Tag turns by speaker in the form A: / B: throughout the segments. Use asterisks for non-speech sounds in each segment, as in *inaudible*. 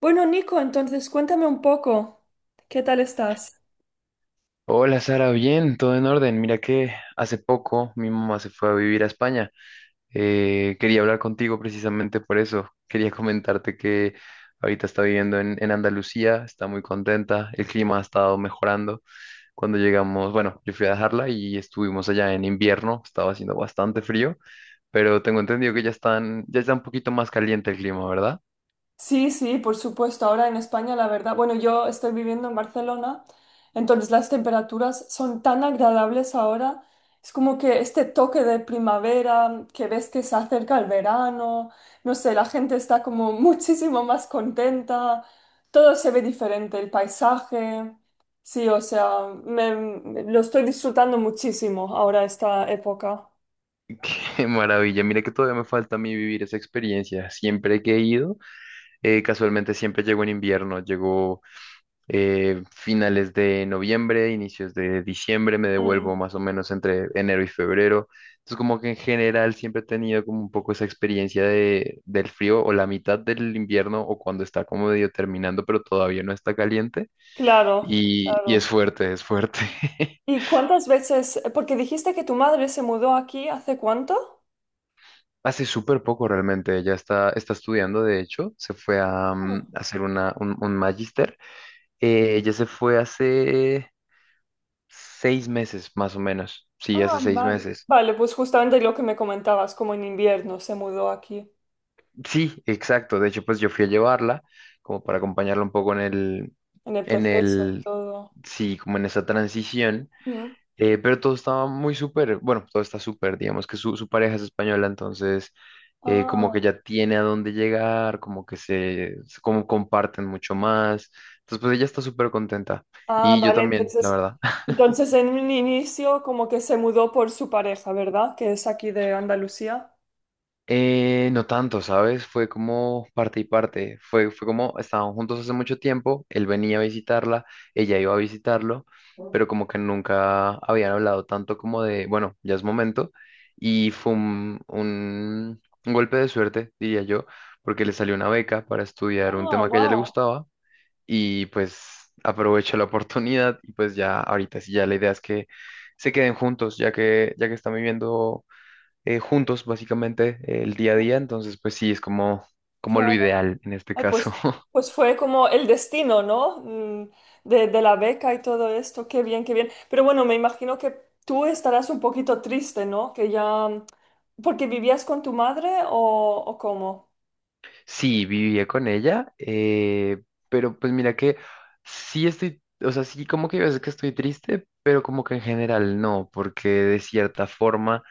A: Bueno, Nico, entonces cuéntame un poco, ¿qué tal estás?
B: Hola Sara, bien, todo en orden. Mira que hace poco mi mamá se fue a vivir a España. Quería hablar contigo precisamente por eso. Quería *laughs* comentarte que ahorita está viviendo en Andalucía, está muy contenta, el clima ha estado mejorando. Cuando llegamos, bueno, yo fui a dejarla y estuvimos allá en invierno, estaba haciendo bastante frío, pero tengo entendido que ya está un poquito más caliente el clima, ¿verdad?
A: Sí, sí, por supuesto. Ahora en España, la verdad, bueno, yo estoy viviendo en Barcelona, entonces las temperaturas son tan agradables ahora. Es como que este toque de primavera, que ves que se acerca el verano, no sé, la gente está como *laughs* muchísimo más contenta, todo se ve diferente, el paisaje. Sí, o sea, lo estoy disfrutando muchísimo ahora esta época.
B: *laughs* Qué maravilla, mira que todavía me falta a mí vivir esa experiencia. Siempre que he ido Casualmente siempre llegó en invierno, llegó finales de noviembre, inicios de diciembre, me devuelvo más o menos entre enero y febrero. Entonces como que en general siempre he tenido como un poco esa experiencia del frío o la mitad del invierno o cuando está como medio terminando pero todavía no está caliente
A: Claro,
B: y
A: claro.
B: es fuerte, es fuerte. *laughs*
A: ¿Y cuántas veces? Porque dijiste que tu madre se mudó aquí, ¿hace cuánto?
B: Hace súper poco realmente, ella está estudiando, de hecho, se fue a
A: Mm.
B: hacer un magíster. Ella se fue hace 6 meses, más o menos. Sí,
A: Ah,
B: hace seis
A: vale.
B: meses.
A: Vale, pues justamente lo que me comentabas, como en invierno se mudó aquí,
B: Sí, exacto. De hecho, pues yo fui a llevarla como para acompañarla un poco en el,
A: en el
B: en
A: proceso y
B: el,
A: todo.
B: sí, como en esa transición.
A: Mm.
B: Pero todo estaba muy súper, bueno, todo está súper, digamos que su pareja es española, entonces como que
A: Ah,
B: ya tiene a dónde llegar, como que como comparten mucho más. Entonces, pues ella está súper contenta.
A: ah,
B: Y yo
A: vale,
B: también, la
A: entonces,
B: verdad.
A: entonces en un inicio como que se mudó por su pareja, ¿verdad? Que es aquí de Andalucía.
B: No tanto, ¿sabes? Fue como parte y parte. Fue como estaban juntos hace mucho tiempo, él venía a visitarla, ella iba a visitarlo, pero como que nunca habían hablado tanto como de, bueno, ya es momento. Y fue un golpe de suerte, diría yo, porque le salió una beca para estudiar un
A: Ah,
B: tema que a ella le
A: wow.
B: gustaba y pues aprovechó la oportunidad y pues ya ahorita sí, ya la idea es que se queden juntos, ya que están viviendo juntos, básicamente, el día a día. Entonces, pues sí, es como lo ideal en este
A: Ay,
B: caso.
A: pues,
B: *laughs*
A: pues fue como el destino, ¿no? De la beca y todo esto. Qué bien, qué bien. Pero bueno, me imagino que tú estarás un poquito triste, ¿no? Que ya... ¿Porque vivías con tu madre o cómo?
B: Sí, vivía con ella, pero pues mira que sí estoy, o sea, sí como que a veces que estoy triste, pero como que en general no, porque de cierta forma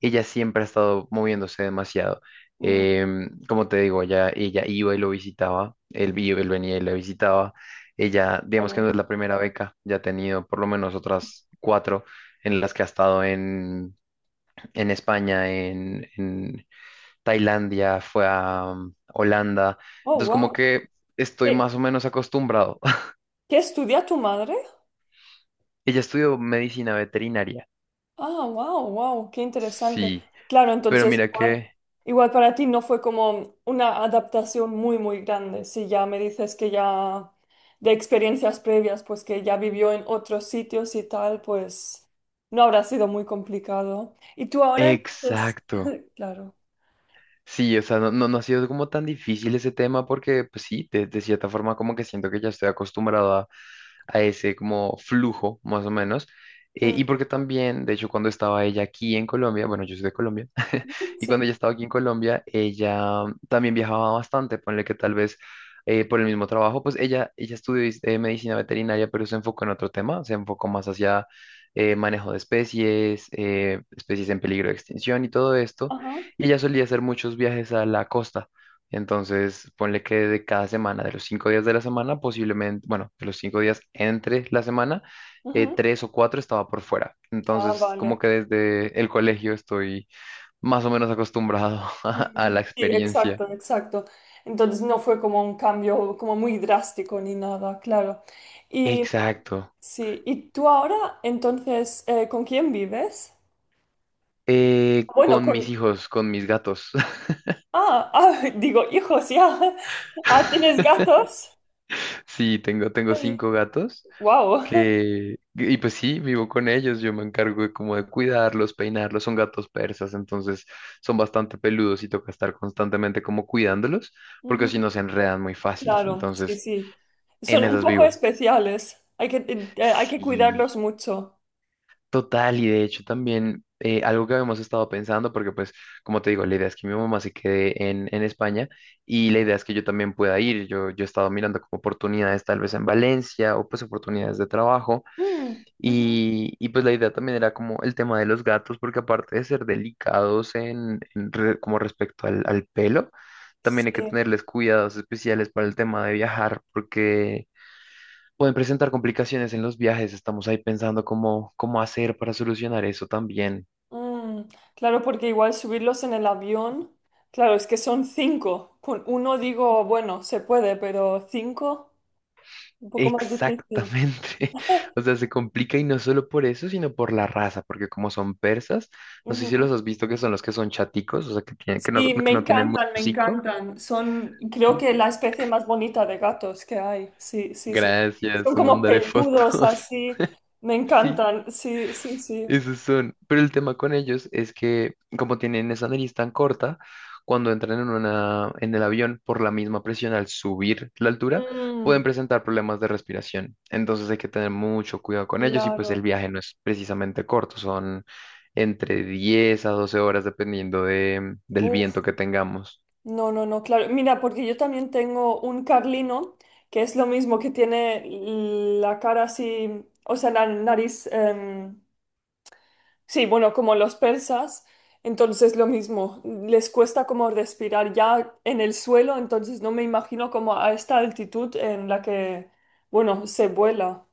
B: ella siempre ha estado moviéndose demasiado.
A: Mm,
B: Como te digo, ella iba y lo visitaba, él venía y la visitaba. Ella, digamos que
A: algo.
B: no es la primera beca, ya ha tenido por lo menos otras cuatro en las que ha estado en, España, en Tailandia, fue a Holanda.
A: Oh,
B: Entonces, como
A: wow.
B: que estoy
A: ¿Qué,
B: más o menos acostumbrado.
A: qué estudia tu madre?
B: *laughs* Ella estudió medicina veterinaria,
A: Ah, wow, wow, qué interesante.
B: sí,
A: Claro,
B: pero
A: entonces
B: mira
A: igual,
B: que.
A: igual para ti no fue como una adaptación muy, muy grande. Si ya me dices que ya de experiencias previas, pues que ya vivió en otros sitios y tal, pues no habrá sido muy complicado. Y tú ahora entonces,
B: Exacto.
A: *laughs* claro.
B: Sí, o sea, no, no, no ha sido como tan difícil ese tema porque, pues sí, de cierta forma como que siento que ya estoy acostumbrado a ese como flujo, más o menos. Eh,
A: Mm.
B: y porque también, de hecho, cuando estaba ella aquí en Colombia, bueno, yo soy de Colombia, y cuando
A: Sí,
B: ella estaba aquí en Colombia, ella también viajaba bastante, ponle que tal vez por el mismo trabajo, pues ella estudió medicina veterinaria, pero se enfocó en otro tema, se enfocó más hacia manejo de especies en peligro de extinción y todo esto.
A: ajá.
B: Y ella solía hacer muchos viajes a la costa. Entonces, ponle que de cada semana, de los 5 días de la semana, posiblemente, bueno, de los 5 días entre la semana,
A: Ujú.
B: tres o cuatro estaba por fuera.
A: Ah,
B: Entonces,
A: vale.
B: como que desde el colegio estoy más o menos acostumbrado *laughs* a
A: Mm.
B: la
A: Sí,
B: experiencia.
A: exacto, exacto. Entonces no fue como un cambio como muy drástico ni nada, claro.
B: Exacto.
A: Sí, ¿y tú ahora entonces con quién vives? Bueno,
B: Con mis
A: con...
B: hijos, con mis gatos. *laughs*
A: Ah, ah, *laughs* digo, hijos, ya. *laughs* Ah, ¿tienes gatos?
B: Sí, tengo cinco gatos
A: Wow.
B: y pues sí, vivo con ellos. Yo me encargo de como de cuidarlos, peinarlos. Son gatos persas, entonces son bastante peludos y toca estar constantemente como cuidándolos, porque si no se enredan muy fácil.
A: Claro, sí,
B: Entonces,
A: sí.
B: en
A: Son un
B: esas
A: poco
B: vivo.
A: especiales. Hay que
B: Sí.
A: cuidarlos mucho.
B: Total, y de hecho también algo que habíamos estado pensando, porque pues como te digo, la idea es que mi mamá se quede en España y la idea es que yo también pueda ir. Yo he estado mirando como oportunidades tal vez en Valencia o pues oportunidades de trabajo
A: Mm, ujú.
B: y pues la idea también era como el tema de los gatos, porque aparte de ser delicados en, como respecto al pelo, también hay que
A: Sí.
B: tenerles cuidados especiales para el tema de viajar, porque pueden presentar complicaciones en los viajes. Estamos ahí pensando cómo hacer para solucionar eso también.
A: Mm. Claro, porque igual subirlos en el avión. Claro, es que son cinco. Con uno digo, bueno, se puede, pero cinco, un poco más difícil.
B: Exactamente. *laughs* O sea, se complica y no solo por eso, sino por la raza, porque como son persas, no sé si los has visto que son los que son chaticos, o sea,
A: Sí, me
B: que no tienen mucho
A: encantan, me
B: hocico.
A: encantan. Son, creo que la especie más bonita de gatos que hay. Sí, sí, sí.
B: Gracias,
A: Son
B: te
A: como
B: mandaré
A: peludos
B: fotos.
A: así. Me
B: *laughs* Sí.
A: encantan. Sí, sí, sí.
B: Esos son. Pero el tema con ellos es que, como tienen esa nariz tan corta, cuando entran en el avión, por la misma presión al subir la altura, pueden
A: Mm,
B: presentar problemas de respiración. Entonces hay que tener mucho cuidado con ellos y pues el
A: claro.
B: viaje no es precisamente corto, son entre 10 a 12 horas dependiendo del
A: Uf,
B: viento que tengamos.
A: no, no, no, claro. Mira, porque yo también tengo un carlino que es lo mismo, que tiene la cara así, o sea, la nariz, sí, bueno, como los persas, entonces lo mismo, les cuesta como respirar ya en el suelo, entonces no me imagino como a esta altitud en la que, bueno, se vuela.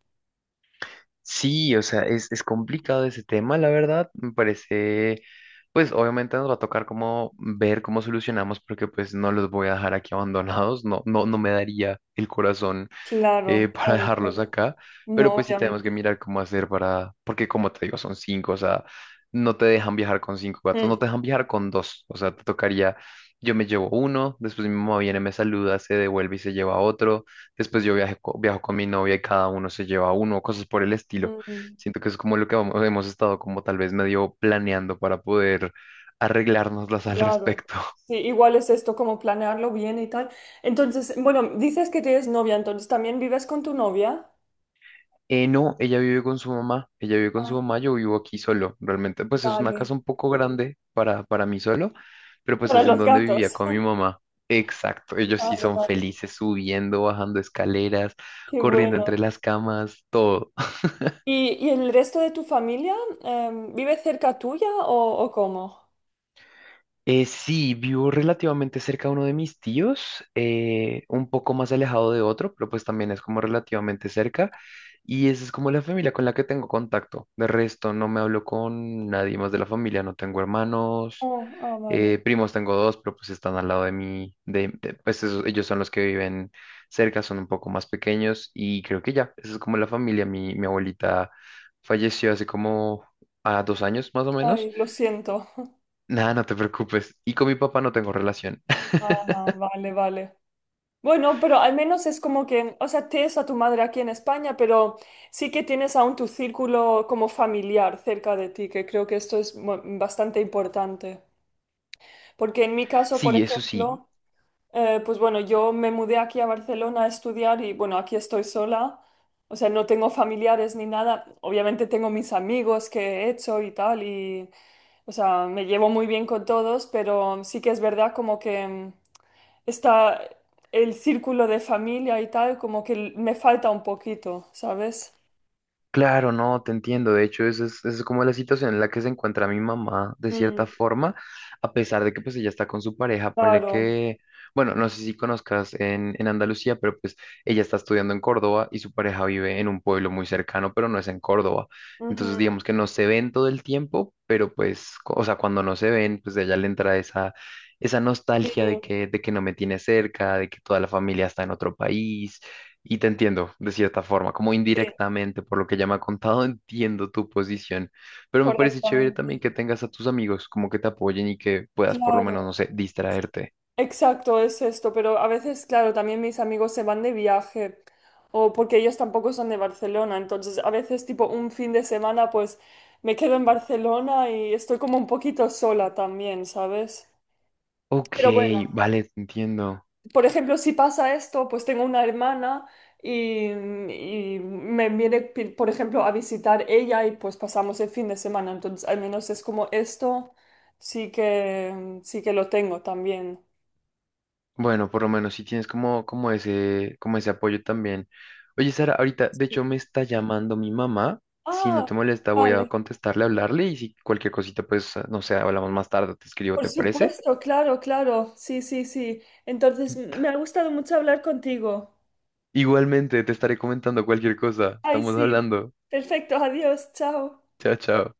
B: Sí, o sea, es complicado ese tema, la verdad. Me parece pues obviamente nos va a tocar como ver cómo solucionamos, porque pues no los voy a dejar aquí *laughs* abandonados, no, no, no me daría el corazón
A: Claro,
B: *laughs* para
A: claro,
B: dejarlos
A: claro.
B: acá, pero
A: No,
B: pues sí tenemos que
A: obviamente.
B: mirar cómo hacer para, porque como te digo, son cinco, o sea, no te dejan viajar con cinco gatos, no
A: Mm,
B: te dejan viajar con dos, o sea, te tocaría, yo me llevo uno, después mi mamá viene, me saluda, se devuelve y se lleva otro, después yo viajo con mi novia y cada uno se lleva uno, cosas por el estilo.
A: mm,
B: Siento que es como lo que hemos estado como tal vez medio planeando para poder arreglárnoslas al
A: claro.
B: respecto.
A: Sí, igual es esto, como planearlo bien y tal. Entonces, bueno, dices que tienes novia, entonces también vives con tu novia.
B: No, ella vive con su mamá, ella vive con su
A: Ah,
B: mamá, yo vivo aquí solo, realmente pues es una
A: vale.
B: casa un poco grande para mí solo, pero pues
A: Para
B: es en
A: los
B: donde vivía
A: gatos.
B: con mi
A: *laughs*
B: mamá. Exacto, ellos sí
A: Vale,
B: son
A: vale.
B: felices subiendo, bajando escaleras,
A: Qué
B: corriendo
A: bueno.
B: entre las camas.
A: Y el resto de tu familia vive cerca tuya o cómo?
B: Sí, vivo relativamente cerca de uno de mis tíos, un poco más alejado de otro, pero pues también es como relativamente cerca. Y esa es como la familia con la que tengo contacto. De resto, no me hablo con nadie más de la familia, no tengo hermanos,
A: Oh, ah, vale.
B: primos tengo dos, pero pues están al lado de mí. Ellos son los que viven cerca, son un poco más pequeños y creo que ya, esa es como la familia. Mi abuelita falleció hace como a 2 años más o menos.
A: Ay, lo siento.
B: Nada, no te preocupes. Y con mi papá no tengo relación. *laughs*
A: Ajá, vale, vale. Bueno, pero al menos es como que, o sea, tienes a tu madre aquí en España, pero sí que tienes aún tu círculo como familiar cerca de ti, que creo que esto es bastante importante. Porque en mi caso, por
B: Sí, eso sí.
A: ejemplo, pues bueno, yo me mudé aquí a Barcelona a estudiar y bueno, aquí estoy sola. O sea, no tengo familiares ni nada. Obviamente tengo mis amigos que he hecho y tal y, o sea, me llevo muy bien con todos, pero sí que es verdad como que mm, está el círculo de familia y tal, como que me falta un poquito, ¿sabes?
B: Claro, no, te entiendo. De hecho, esa es como la situación en la que se encuentra mi mamá, de
A: Mm,
B: cierta forma, a pesar de que pues ella está con su pareja, ponle
A: claro.
B: que, bueno, no sé si conozcas en, Andalucía, pero pues ella está estudiando en Córdoba y su pareja vive en un pueblo muy cercano, pero no es en Córdoba. Entonces,
A: Ujú.
B: digamos que no se ven todo el tiempo, pero pues, o sea, cuando no se ven, pues a ella le entra esa
A: Sí,
B: nostalgia de que no me tiene cerca, de que toda la familia está en otro país y te entiendo, de cierta forma, como
A: sí,
B: indirectamente, por lo que ya me ha contado, *laughs* entiendo tu posición, pero me parece chévere también
A: correctamente.
B: que tengas a tus amigos como que te apoyen y que puedas por lo menos, no
A: Claro.
B: sé, distraerte.
A: Exacto, es esto, pero a veces, claro, también mis amigos se van de viaje o porque ellos tampoco son de Barcelona, entonces a veces tipo un fin de semana pues me quedo en Barcelona y estoy como un poquito sola también, ¿sabes?
B: Ok,
A: Pero bueno,
B: vale, te entiendo.
A: por ejemplo, si pasa esto, pues tengo una hermana y me viene, por ejemplo, a visitar ella y pues pasamos el fin de semana, entonces al menos es como esto, sí que lo tengo también.
B: Bueno, por lo menos si tienes como ese apoyo también. Oye, Sara, ahorita, de
A: Sí.
B: hecho, me está llamando mi mamá. Si no te
A: Ah,
B: molesta, voy a
A: vale.
B: contestarle, hablarle y si cualquier cosita, pues, ah, no sé, hablamos más tarde, te escribo,
A: Por
B: ¿te parece?
A: supuesto, claro, claro. Sí, sí, sí. Entonces, me ha gustado mucho hablar contigo.
B: Igualmente, te estaré comentando cualquier cosa.
A: Ay,
B: Estamos
A: sí.
B: hablando.
A: Perfecto, adiós, chao.
B: Chao, chao.